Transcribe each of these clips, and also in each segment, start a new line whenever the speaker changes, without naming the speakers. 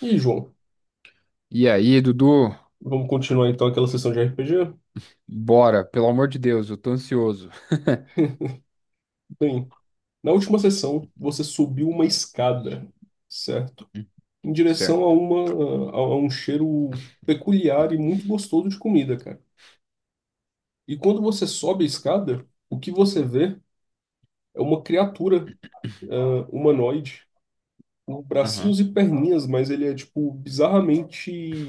E aí, João,
E aí, Dudu?
vamos continuar então aquela sessão de RPG?
Bora, pelo amor de Deus, eu tô ansioso.
Bem, na última sessão você subiu uma escada, certo? Em direção a
Certo.
a um cheiro peculiar e muito gostoso de comida, cara. E quando você sobe a escada, o que você vê é uma criatura, humanoide, com
Aham.
bracinhos e perninhas, mas ele é tipo bizarramente,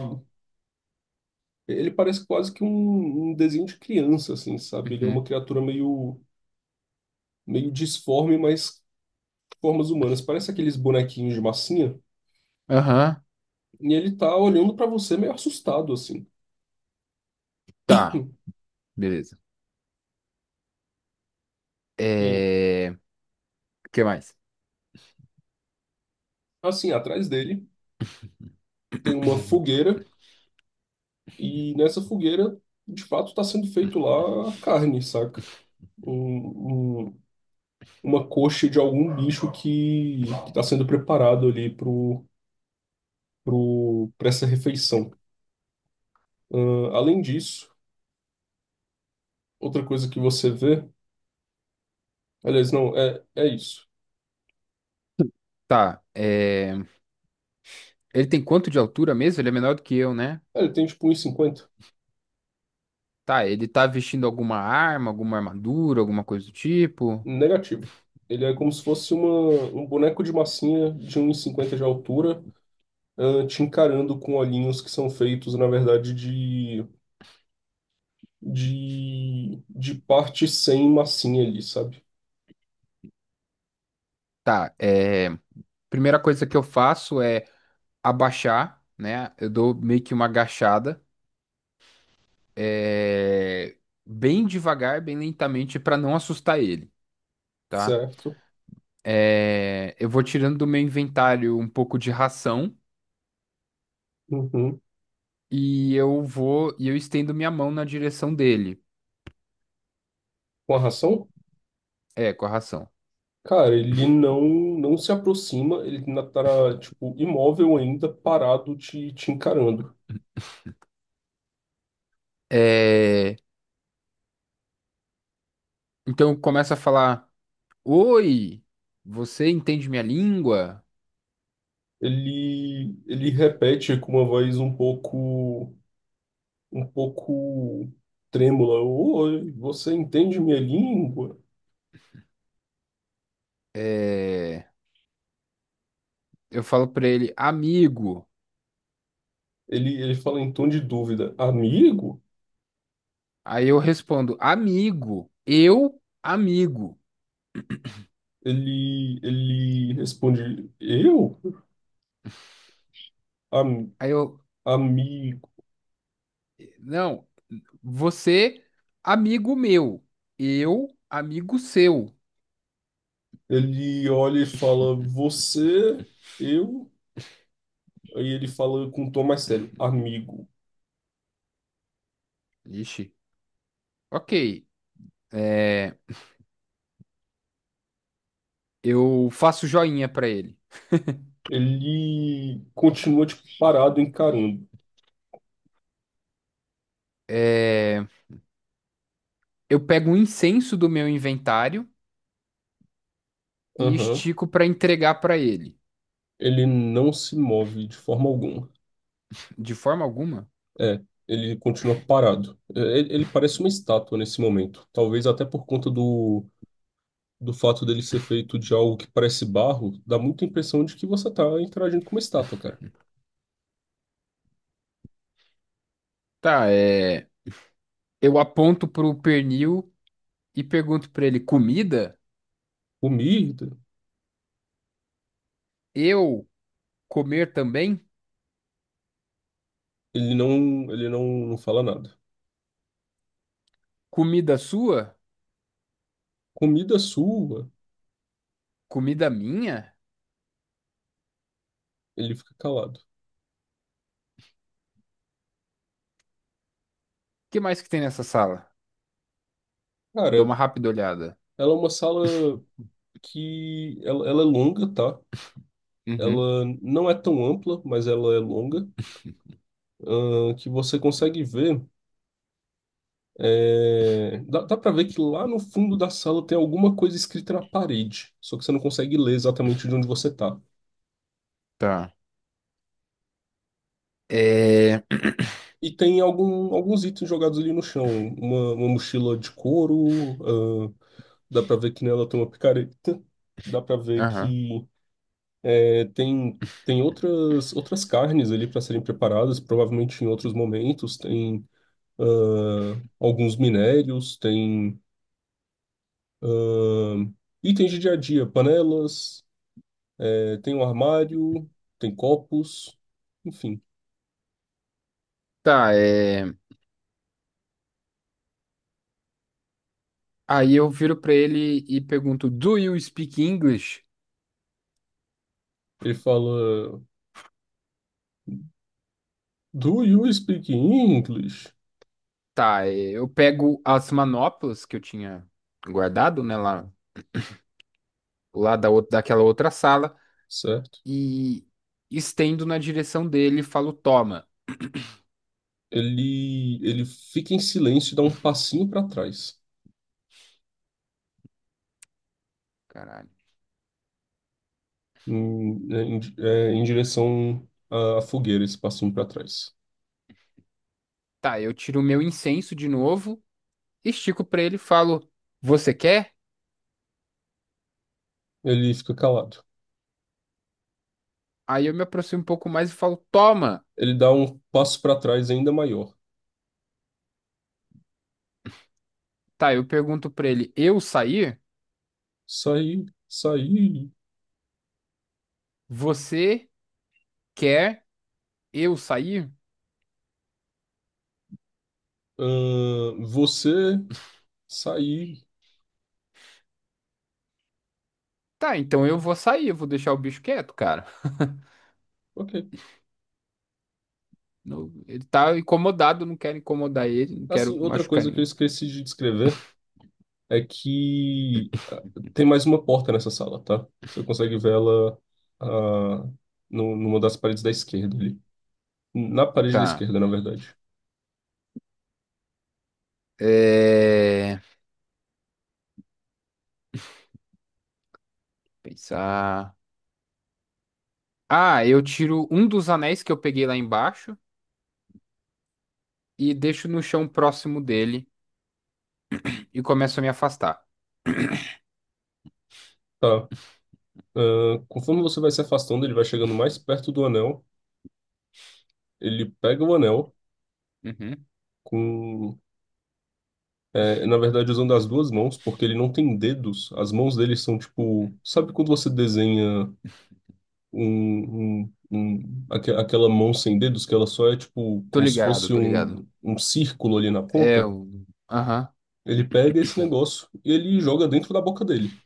ele parece quase que um desenho de criança, assim, sabe? Ele é
Uhum.
uma criatura meio disforme, mas formas humanas. Parece aqueles bonequinhos de massinha.
Aham.
E ele tá olhando pra você meio assustado, assim.
Tá, beleza.
E aí?
O que mais?
Assim, atrás dele tem uma fogueira. E nessa fogueira, de fato, tá sendo feito lá a carne, saca? Um, um- uma coxa de algum bicho que tá sendo preparado ali pra essa refeição. Além disso, outra coisa que você vê. Aliás, não, é isso.
Tá. Ele tem quanto de altura mesmo? Ele é menor do que eu, né?
É, ele tem tipo um e cinquenta.
Tá, ele tá vestindo alguma arma, alguma armadura, alguma coisa do tipo?
Negativo. Ele é como se fosse um boneco de massinha de um e cinquenta de altura, ah, te encarando com olhinhos que são feitos, na verdade, de parte sem massinha ali, sabe?
Tá. Primeira coisa que eu faço é abaixar, né? Eu dou meio que uma agachada, é, bem devagar, bem lentamente, para não assustar ele, tá?
Certo?
Eu vou tirando do meu inventário um pouco de ração
Uhum.
e eu vou e eu estendo minha mão na direção dele,
Com a ração?
com a ração.
Cara, ele não se aproxima, ele ainda tá, tipo, imóvel ainda, parado, te encarando.
É, então começa a falar: oi, você entende minha língua?
Ele repete com uma voz um pouco trêmula. Oi, você entende minha língua?
É, eu falo para ele, amigo.
Ele fala em tom de dúvida. Amigo?
Aí eu respondo, amigo, eu, amigo.
Ele responde, eu? Am,
Aí eu,
amigo.
Não, você, amigo meu. Eu, amigo seu.
Ele olha e fala, você, eu? Aí ele fala com um tom mais sério, amigo.
Ixi, ok. É, eu faço joinha pra ele.
Ele continua, tipo, parado, encarando.
É, eu pego um incenso do meu inventário e
Aham.
estico pra entregar pra ele.
Ele não se move de forma alguma.
De forma alguma?
É, ele continua parado. É, ele parece uma estátua nesse momento. Talvez até por conta do fato dele ser feito de algo que parece barro, dá muita impressão de que você tá interagindo com uma estátua, cara.
Tá, é. Eu aponto pro pernil e pergunto pra ele: comida?
Comida,
Eu comer também?
ele não fala nada.
Comida sua?
Comida sua,
Comida minha?
ele fica calado.
O que mais que tem nessa sala? Eu dou uma
Cara,
rápida olhada.
ela é uma sala que ela é longa, tá?
Uhum.
Ela não é tão ampla, mas ela é longa, que você consegue ver. É, dá pra ver que lá no fundo da sala tem alguma coisa escrita na parede, só que você não consegue ler exatamente de onde você tá.
Tá. É...
E tem alguns itens jogados ali no chão, uma mochila de couro, ahn, dá pra ver que nela tem uma picareta, dá pra ver
Aham.
que tem outras carnes ali para serem preparadas, provavelmente em outros momentos, tem alguns minérios, tem ahn, itens de dia a dia, panelas. É, tem um armário, tem copos, enfim.
Tá. Aí eu viro pra ele e pergunto, do you speak English?
Ele fala: Do you speak English?
Tá. Eu pego as manoplas que eu tinha guardado, né, lá da outra, daquela outra sala
Certo?
e estendo na direção dele e falo, toma.
Ele fica em silêncio e dá um passinho para trás,
Caralho.
em direção à fogueira, esse passinho para trás.
Tá, eu tiro o meu incenso de novo, estico pra ele e falo, você quer?
Ele fica calado.
Aí eu me aproximo um pouco mais e falo, toma.
Ele dá um passo para trás ainda maior.
Tá, eu pergunto pra ele, eu sair?
Saí, saí.
Você quer eu sair?
Ahn, você, saí.
Tá, então eu vou sair, eu vou deixar o bicho quieto, cara.
Ok.
Ele tá incomodado, não quero incomodar ele, não quero
Assim, outra
machucar
coisa que eu
ninguém.
esqueci de descrever é que ah, tem mais uma porta nessa sala, tá? Você consegue ver ela ah, no, numa das paredes da esquerda ali. Na parede da
Tá.
esquerda, na verdade.
É... Pensar. Ah, eu tiro um dos anéis que eu peguei lá embaixo e deixo no chão próximo dele e começo a me afastar.
Tá. Ah, conforme você vai se afastando, ele vai chegando mais perto do anel. Ele pega o anel
Uhum.
com. É, na verdade, usando as duas mãos, porque ele não tem dedos. As mãos dele são tipo. Sabe quando você desenha aquela mão sem dedos, que ela só é tipo
Tô
como se
ligado,
fosse
tô ligado.
um círculo ali na
É,
ponta?
o- aham.
Ele pega esse negócio e ele joga dentro da boca dele.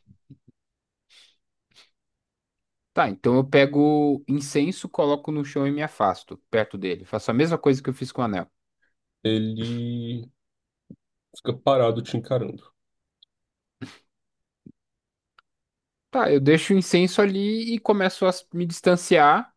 Tá, então eu pego incenso, coloco no chão e me afasto perto dele. Faço a mesma coisa que eu fiz com o anel.
Ele fica parado te encarando.
Tá, eu deixo o incenso ali e começo a me distanciar,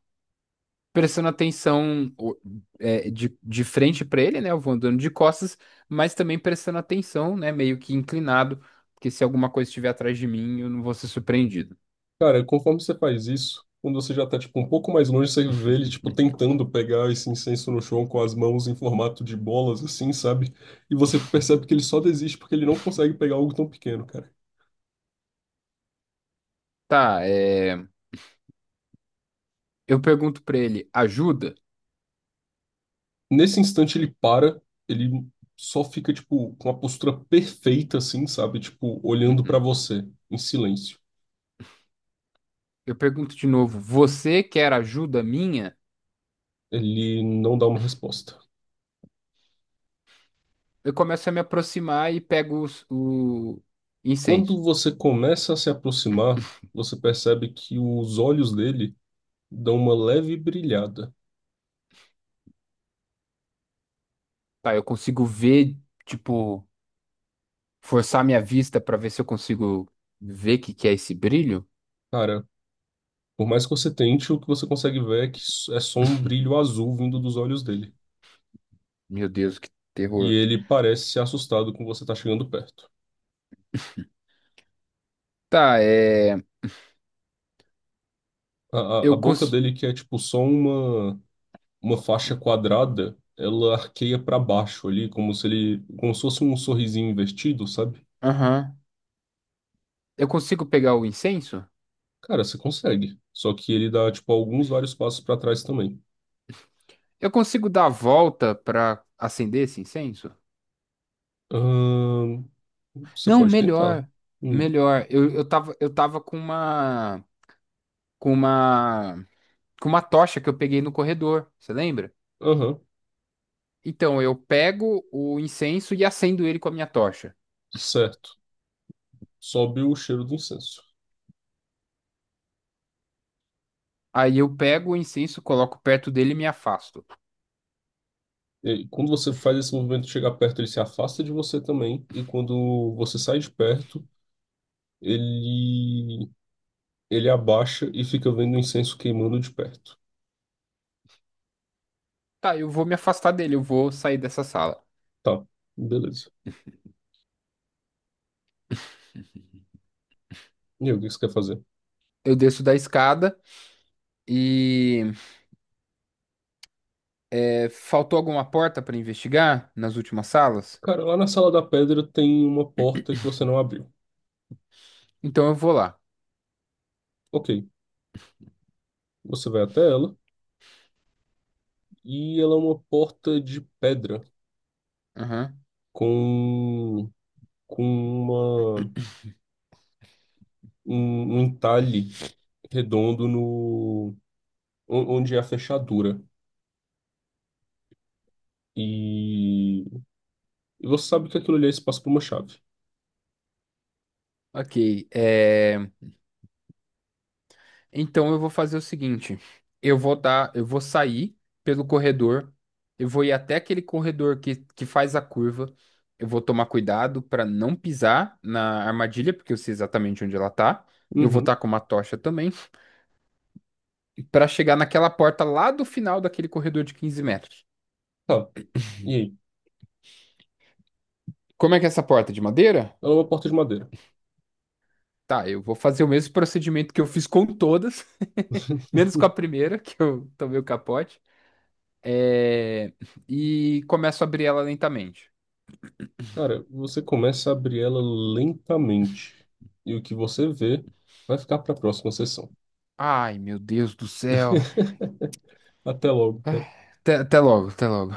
prestando atenção de frente para ele, né? Eu vou andando de costas, mas também prestando atenção, né? Meio que inclinado, porque se alguma coisa estiver atrás de mim, eu não vou ser surpreendido.
Cara, conforme você faz isso, quando você já tá, tipo, um pouco mais longe, você vê ele, tipo, tentando pegar esse incenso no chão com as mãos em formato de bolas, assim, sabe? E você percebe que ele só desiste porque ele não consegue pegar algo tão pequeno, cara.
Tá. Eu pergunto para ele, ajuda?
Nesse instante ele para, ele só fica, tipo, com a postura perfeita, assim, sabe? Tipo, olhando pra
Uhum.
você, em silêncio.
Eu pergunto de novo, você quer ajuda minha?
Ele não dá uma resposta.
Eu começo a me aproximar e pego o
Quando
incenso.
você começa a se aproximar, você percebe que os olhos dele dão uma leve brilhada.
Tá, eu consigo ver, tipo, forçar minha vista para ver se eu consigo ver o que que é esse brilho.
Cara, por mais que você tente, o que você consegue ver é que é só um brilho azul vindo dos olhos dele.
Meu Deus, que
E
terror.
ele parece assustado com você tá chegando perto.
Tá, é.
A
Eu
boca
cons...
dele, que é tipo só uma faixa quadrada, ela arqueia para baixo ali, como se ele, como se fosse um sorrisinho invertido, sabe?
Aham. Eu consigo pegar o incenso?
Cara, você consegue. Só que ele dá, tipo, alguns vários passos para trás também.
Eu consigo dar a volta pra acender esse incenso?
Ahn, você
Não,
pode tentar.
melhor.
Hum,
Melhor. Eu tava com uma. Com uma. Com uma tocha que eu peguei no corredor. Você lembra?
Aham,
Então, eu pego o incenso e acendo ele com a minha tocha.
certo. Sobe o cheiro do incenso.
Aí eu pego o incenso, coloco perto dele e me afasto.
E quando você faz esse movimento de chegar perto, ele se afasta de você também. E quando você sai de perto, ele ele abaixa e fica vendo o incenso queimando de perto.
Tá, eu vou me afastar dele, eu vou sair dessa sala.
Tá, beleza. E aí, o que você quer fazer?
Eu desço da escada e faltou alguma porta para investigar nas últimas salas?
Cara, lá na Sala da Pedra tem uma porta que você não abriu.
Então eu vou lá.
Ok, você vai até ela e ela é uma porta de pedra
Aham.
com, com uma, um entalhe redondo no onde é a fechadura. E, e você sabe que aquilo ali é espaço para uma chave.
Ok. Então eu vou fazer o seguinte: eu vou sair pelo corredor, eu vou ir até aquele corredor que faz a curva. Eu vou tomar cuidado para não pisar na armadilha, porque eu sei exatamente onde ela tá. Eu vou
Uhum,
estar com uma tocha também, para chegar naquela porta lá do final daquele corredor de 15 metros.
tá. E aí?
Como é que é essa porta? De madeira?
Ela é uma porta de madeira.
Tá, eu vou fazer o mesmo procedimento que eu fiz com todas. Menos com a primeira, que eu tomei o capote. É, E começo a abrir ela lentamente.
Cara, você começa a abrir ela lentamente e o que você vê vai ficar para a próxima sessão.
Ai, meu Deus do céu.
Até logo,
Ah,
cara.
Até logo, até logo.